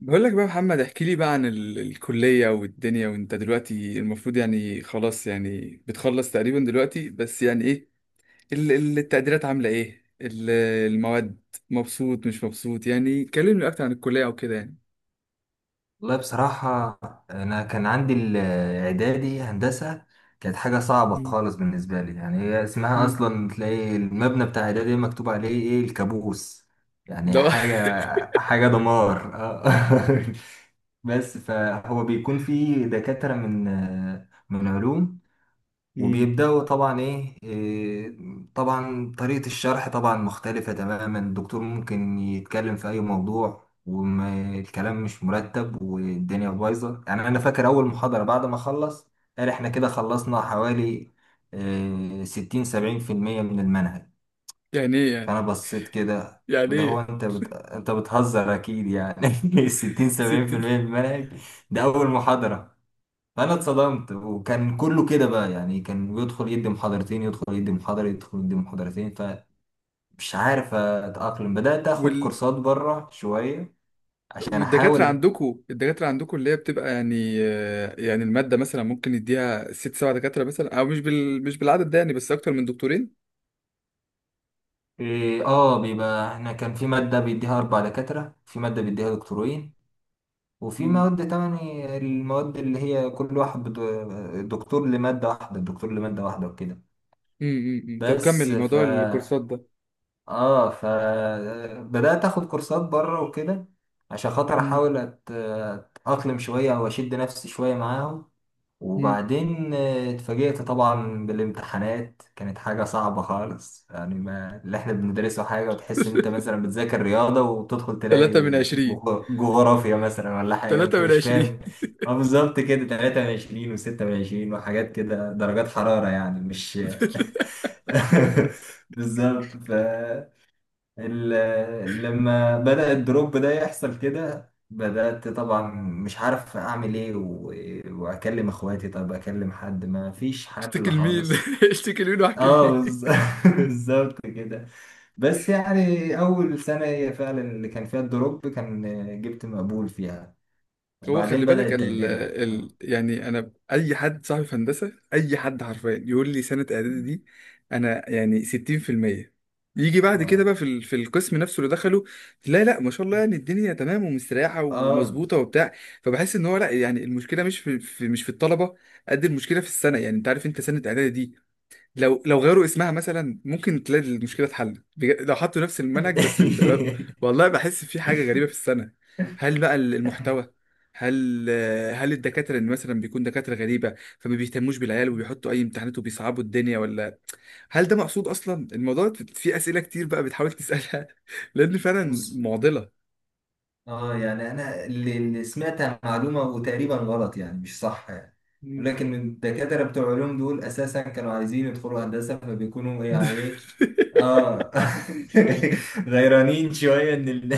بقول لك بقى يا محمد، احكي لي بقى عن الكلية والدنيا، وانت دلوقتي المفروض يعني خلاص، يعني بتخلص تقريبا دلوقتي. بس يعني ايه التقديرات؟ عاملة ايه المواد؟ مبسوط مش مبسوط؟ يعني كلمني اكتر عن الكلية او كده يعني. والله بصراحة، أنا كان عندي الإعدادي هندسة. كانت حاجة صعبة مم. خالص بالنسبة لي، يعني هي اسمها مم. أصلا تلاقي المبنى بتاع إعدادي مكتوب عليه إيه؟ الكابوس. يعني ده حاجة دمار آه. بس فهو بيكون فيه دكاترة من علوم، مم. وبيبدأوا طبعا ايه إيه، طبعا طريقة الشرح طبعا مختلفة تماما. الدكتور ممكن يتكلم في اي موضوع والكلام مش مرتب والدنيا بايظة. يعني انا فاكر اول محاضرة بعد ما خلص قال احنا كده خلصنا حوالي ستين سبعين في المية من المنهج. يعني ايه يعني فانا بصيت كده، يعني اللي هو ايه انت بتهزر اكيد يعني. ستين سبعين ست في المية من المنهج، ده اول محاضرة. فانا اتصدمت، وكان كله كده بقى، يعني كان بيدخل يدي محاضرتين، يدخل يدي محاضرة، يدخل يدي محاضرتين. فمش عارف اتأقلم، بدأت اخد وال... كورسات بره شوية عشان والدكاترة احاول. عندكم، الدكاترة عندكم اللي هي بتبقى يعني، يعني المادة مثلا ممكن يديها 6 7 دكاترة مثلا، او مش مش بالعدد ده، يعني بس اكتر من دكتورين. إيه، اه بيبقى احنا كان في مادة بيديها اربع دكاترة، في مادة بيديها دكتورين، وفي مواد تمني المواد اللي هي كل واحد دكتور لمادة واحدة، دكتور لمادة واحدة وكده. مم، مم، مم. طب بس كمل ف موضوع الكورسات ده. اه، فبدأت اخد كورسات بره وكده، عشان خاطر مم، احاول اتأقلم شوية او اشد نفسي شوية معاهم. مم. وبعدين اتفاجئت طبعا بالامتحانات، كانت حاجة صعبة خالص. يعني ما اللي احنا بندرسه حاجة، وتحس ان انت مثلا بتذاكر رياضة وتدخل تلاقي 3 من 20. جغرافيا مثلا ولا حاجة تلاتة انت من مش عشرين فاهم. اه بالظبط كده، 23 و26 وحاجات كده، درجات حرارة يعني، مش بالظبط. ف لما بدأ الدروب ده يحصل كده، بدأت طبعا مش عارف أعمل إيه، وأكلم إخواتي، طب أكلم حد، ما فيش اشتكي حل لمين؟ خالص. اشتكي لمين واحكي آه لمين؟ بالظبط كده. بس يعني أول سنة هي فعلا اللي كان فيها الدروب، كان جبت مقبول فيها. هو وبعدين خلي بدأ بالك التقدير آه. يعني انا اي حد صاحبي في هندسه، اي حد حرفيا يقول لي سنه اعدادي دي. انا يعني 60% يجي بعد كده آه بقى في في القسم نفسه اللي دخله، لا لا، ما شاء الله، يعني الدنيا تمام ومستريحه آه. ومظبوطه وبتاع. فبحس ان هو لا، يعني المشكله مش في، مش في الطلبه. قد المشكله في السنه. يعني انت عارف انت سنه اعدادي، لو غيروا اسمها مثلا ممكن تلاقي المشكله اتحلت. لو حطوا نفس المنهج بس والله بحس في حاجه غريبه في السنه. هل بقى المحتوى؟ هل هل الدكاتره اللي مثلا بيكون دكاتره غريبه فما بيهتموش بالعيال وبيحطوا اي امتحانات وبيصعبوا الدنيا، ولا هل ده مقصود اصلا؟ الموضوع في اسئله كتير بقى بتحاول تسالها، لان فعلا بص، معضله. اه يعني انا اللي سمعتها معلومه وتقريبا غلط يعني، مش صح يعني، مم. لكن الدكاتره بتوع علوم دول اساسا كانوا عايزين يدخلوا هندسه، فبيكونوا يعني ايه، اه، غيرانين شويه ان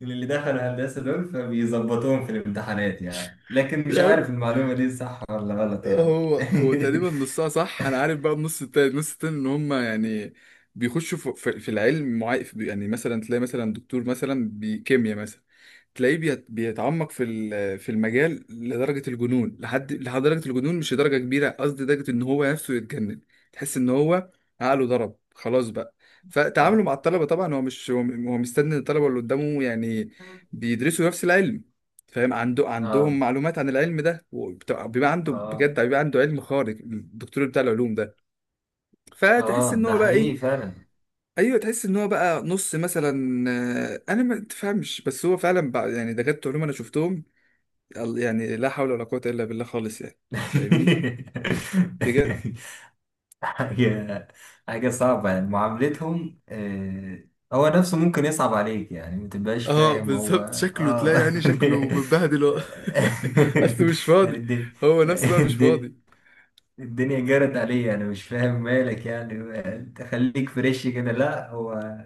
من اللي دخلوا هندسه دول، فبيظبطوهم في الامتحانات يعني. لكن مش يعني عارف المعلومه دي صح ولا غلط يعني. هو تقريبا نصها صح. انا عارف بقى، النص التاني، النص التاني ان هم يعني بيخشوا في العلم معين. يعني مثلا تلاقي مثلا دكتور مثلا بكيمياء مثلا، تلاقيه بيتعمق في في المجال لدرجة الجنون، لحد درجة الجنون، مش درجة كبيرة، قصدي درجة ان هو نفسه يتجنن. تحس ان هو عقله ضرب خلاص بقى. فتعامله اه، مع الطلبة، طبعا هو مش، هو مستني الطلبة اللي قدامه يعني بيدرسوا نفس العلم، فاهم؟ عندهم اه، معلومات عن العلم ده، بيبقى عنده اه، بجد، بيبقى عنده علم خارق الدكتور بتاع العلوم ده. فتحس اه ان ده هو بقى ايه؟ حقيقي فعلا. ايوه، تحس ان هو بقى نص مثلا. انا ما تفهمش، بس هو فعلا بقى، يعني دكاتره علوم انا شفتهم يعني لا حول ولا قوة إلا بالله خالص، يعني فاهمني؟ بجد. حاجة حاجة صعبة يعني معاملتهم آه، هو نفسه ممكن يصعب عليك يعني ما تبقاش اه فاهم هو. بالظبط، شكله تلاقي اه، يعني شكله متبهدل هو. اصل مش يعني فاضي. الدنيا، هو نفسه بقى مش الدنيا، فاضي. الدنيا جرت عليا، انا مش فاهم مالك يعني تخليك فريش كده. لا هو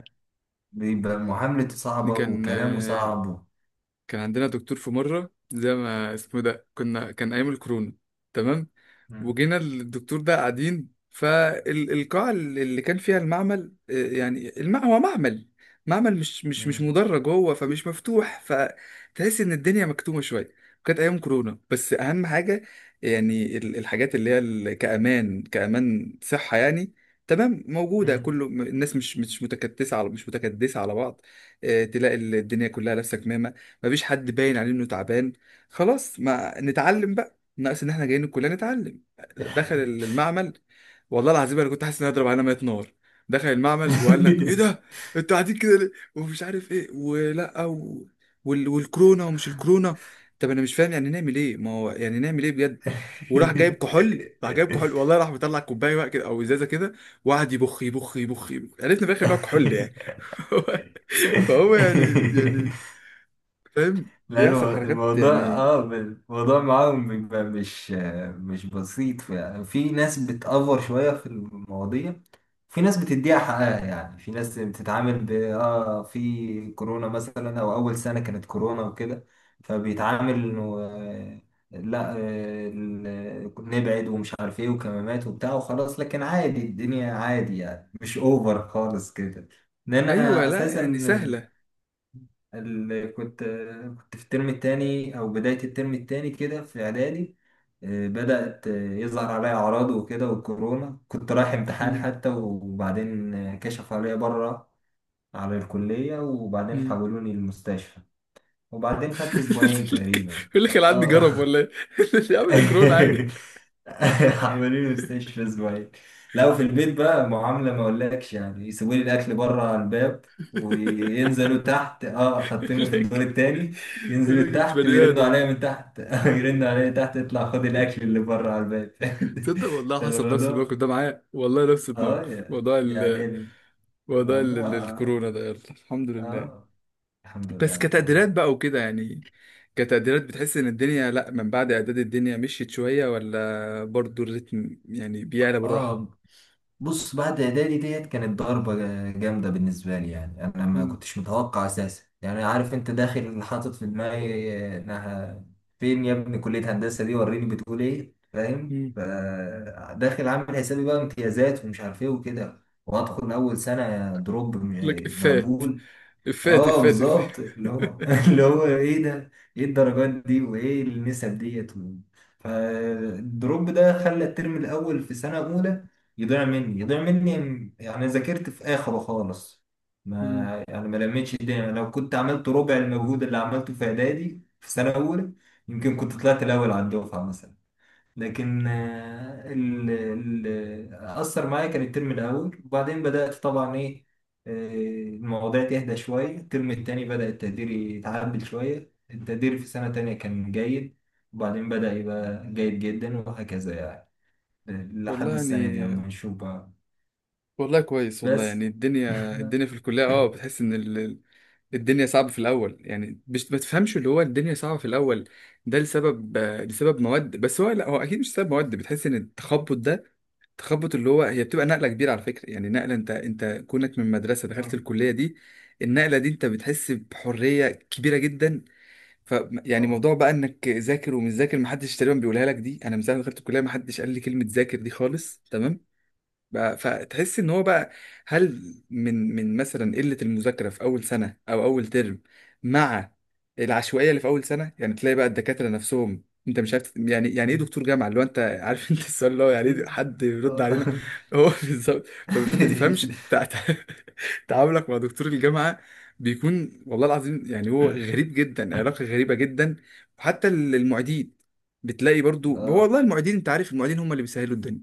بيبقى معاملته دي صعبة كان، وكلامه صعب. كان عندنا دكتور في مرة، زي ما اسمه ده، كنا كان أيام الكورونا، تمام. مم. وجينا الدكتور ده قاعدين فالقاعة اللي كان فيها المعمل، يعني هو معمل، معمل مش مدرج هو، فمش مفتوح، فتحس إن الدنيا مكتومة شوية. كانت أيام كورونا، بس أهم حاجة يعني الحاجات اللي هي كأمان صحة، يعني تمام مم. موجودة. مم. كله الناس مش متكدسة على بعض. تلاقي الدنيا كلها لابسة كمامة، مفيش حد باين عليه انه تعبان. خلاص ما نتعلم بقى، ناقص ان احنا جايين الكليه نتعلم. دخل المعمل، والله العظيم انا كنت حاسس ان انا هضرب على ميه نار. دخل المعمل وقال لك ايه ده، انتوا قاعدين كده ليه؟ ومش عارف ايه ولا والكورونا ومش الكورونا. طب انا مش فاهم يعني نعمل ايه؟ ما هو يعني نعمل ايه بجد؟ وراح جايب كحول، والله، راح مطلع كوبايه بقى كده او ازازه كده، وقعد يبخ يبخ يبخ يبخ. عرفنا في الاخر ان هو كحول يعني. فهو يعني فاهم لا بيحصل حركات الموضوع يعني. اه الموضوع معاهم بيبقى مش مش بسيط. في, في ناس بتأفور شوية في المواضيع، في ناس بتديها حقها يعني، في ناس بتتعامل ب اه، في كورونا مثلا او اول سنة كانت كورونا وكده، فبيتعامل انه آه، لا آه، نبعد ومش عارف ايه وكمامات وبتاع وخلاص، لكن عادي الدنيا عادي يعني مش اوفر خالص كده. ان ايوه انا لا اساسا يعني سهله. اللي كنت، كنت في الترم التاني أو بداية الترم التاني كده في إعدادي، بدأت يظهر عليا أعراض وكده والكورونا، كنت رايح امتحان مم. حتى، وبعدين كشفوا عليا بره على الكلية وبعدين مم. حولوني المستشفى. وبعدين خدت أسبوعين تقريبا يقول لك العد آه. جرب ولا ايه؟ يا عم ده كورونا عادي. عاملين مستشفى اسبوعين. لا وفي البيت بقى معاملة ما اقولكش يعني، يسيبوا لي الاكل بره على الباب وينزلوا تحت، اه حاطيني يقول في الدور لك التاني، يقول ينزلوا لك مش تحت بني ويرنوا ادم. عليا من تحت، يرنوا عليا تحت اطلع خد الاكل اللي بره على الباب. تصدق والله ده حصل نفس الموضوع الموقف ده معايا، والله نفس الموقف. اه، موضوع يعني ال موضوع ال... ال- الموضوع الكورونا ده يلا الحمد لله. اه الحمد لله بس رب كتقديرات العالمين. بقى وكده، يعني كتقديرات بتحس ان الدنيا لا، من بعد اعداد الدنيا مشيت شويه، ولا برضو الريتم يعني بيعلى بالراحه؟ اه بص، بعد اعدادي ديت كانت ضربة جامدة بالنسبة لي. يعني انا ما كنتش متوقع اساسا، يعني عارف انت داخل حاطط في دماغي انها، فين يا ابني كلية هندسة دي وريني بتقول ايه، فاهم؟ مم. فداخل عامل حسابي بقى امتيازات ومش عارف ايه وكده، وادخل اول سنة دروب لك افات مقبول. افات اه افات افات. بالظبط اللي هو، اللي هو ايه ده؟ ايه الدرجات دي وايه النسب ديت و-. فالدروب ده خلى الترم الاول في سنه اولى يضيع مني، يضيع مني يعني، ذاكرت في اخره خالص. مم. ما يعني ما لميتش الدنيا، لو كنت عملت ربع المجهود اللي عملته في اعدادي في سنه اولى يمكن كنت طلعت الاول على الدفعه مثلا. لكن آه، أثر معايا كان الترم الأول. وبعدين بدأت طبعا إيه، آه، المواضيع تهدى شوية، الترم التاني بدأ التقدير يتعدل شوية، التقدير في سنة تانية كان جيد، وبعدين بدأ يبقى جيد جدا وهكذا يعني، والله لحد السنة دي يعني، أما نشوف بقى. والله كويس والله، بس يعني الدنيا، الدنيا في الكلية اه بتحس ان الدنيا صعبة في الأول. يعني مش ما تفهمش اللي هو الدنيا صعبة في الأول ده لسبب، لسبب مواد. بس هو لا، هو أكيد مش سبب مواد. بتحس إن التخبط ده تخبط اللي هو، هي بتبقى نقلة كبيرة على فكرة، يعني نقلة، أنت كونك من مدرسة دخلت آه، الكلية دي. النقلة دي أنت بتحس بحرية كبيرة جدا. ف يعني آه، موضوع بقى انك ذاكر ومش ذاكر، محدش تقريبا بيقولها لك دي. انا من ساعه ما دخلت الكليه محدش قال لي كلمه ذاكر دي خالص، تمام. بقى فتحس ان هو بقى، هل من مثلا قلة المذاكرة في اول سنة او اول ترم، مع العشوائية اللي في اول سنة، يعني تلاقي بقى الدكاترة نفسهم انت مش عارف، يعني يعني ايه دكتور جامعة اللي هو انت؟ عارف انت السؤال اللي هو يعني ايه؟ مم. حد يرد آه. علينا. هو بالظبط. فما بتفهمش تعاملك مع دكتور الجامعة بيكون، والله العظيم يعني هو غريب جدا، علاقة غريبة جدا. وحتى المعيدين بتلاقي برضو هو، اه والله المعيدين انت عارف، المعيدين هم اللي بيسهلوا الدنيا.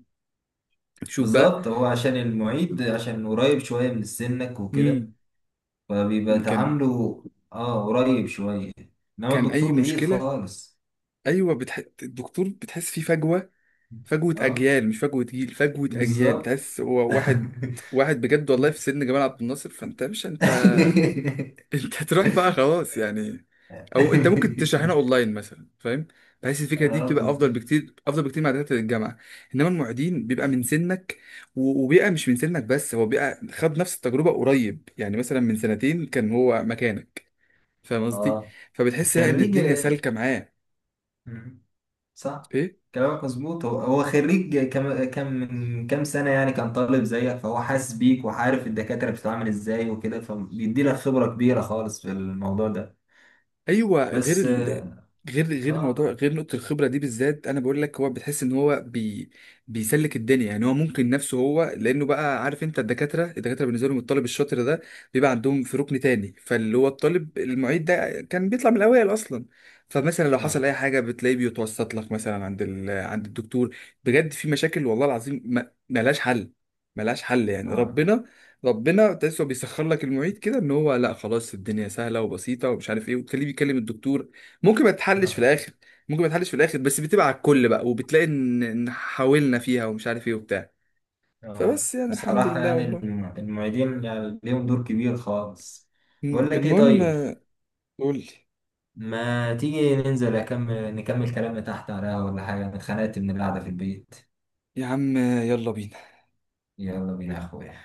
شوف بالظبط، هو عشان المعيد عشان قريب شوية من سنك بقى، وكده، فبيبقى يعني كان تعامله اه قريب شوية، انما كان اي الدكتور بعيد مشكله، خالص. ايوه الدكتور بتحس فيه فجوه، فجوه اه اجيال، مش فجوه جيل، فجوه اجيال. بالظبط. تحس هو واحد، واحد بجد والله في سن جمال عبد الناصر. فانت مش انت، انت هتروح بقى خلاص، يعني. او انت ممكن تشرحنا اونلاين مثلا، فاهم؟ بحيث الفكره دي اه بتبقى افضل بالظبط. بكتير، افضل بكتير مع دكاتره الجامعه. انما المعيدين بيبقى من سنك، وبيبقى مش من سنك بس، هو بيبقى خد نفس التجربه قريب. يعني مثلا من سنتين كان هو مكانك، فاهم قصدي؟ اه فبتحس لا ان خريج. الدنيا سالكه معاه. مم. صح، ايه كلامك مظبوط. هو هو خريج كم من كام سنة يعني، كان طالب زيك، فهو حاسس بيك وعارف الدكاترة بتتعامل ازاي وكده، فبيدي لك خبرة كبيرة خالص في الموضوع ده. ايوه غير بس اه، غير موضوع، اه، غير نقطة الخبرة دي بالذات انا بقول لك، هو بتحس ان هو بيسلك الدنيا، يعني هو ممكن نفسه هو، لانه بقى عارف انت، الدكاترة بالنسبة لهم الطالب الشاطر ده بيبقى عندهم في ركن تاني، فاللي هو الطالب المعيد ده كان بيطلع من الاوائل اصلا. فمثلا لو حصل آه. اي حاجة بتلاقيه بيتوسط لك مثلا عند عند الدكتور. بجد في مشاكل والله العظيم ما... ملهاش حل، ملهاش حل يعني آه. ربنا تحسه بيسخر لك المعيد كده ان هو لا خلاص الدنيا سهله وبسيطه ومش عارف ايه، وتخليه بيكلم الدكتور. ممكن ما تحلش في آه. الاخر، ممكن ما تحلش في الاخر، بس بتبقى على الكل بقى. وبتلاقي إن حاولنا فيها ومش عارف ايه وبتاع. آه. فبس يعني الحمد بصراحة لله يعني والله. المعيدين يعني ليهم دور كبير خالص. بقول لك ايه المهم، طيب، قول لي. ما تيجي ننزل أكمل نكمل كلامنا تحت على القهوة ولا حاجة؟ أنا اتخنقت من القعدة في البيت. يا عم يلا بينا. يلا بينا يا أخويا.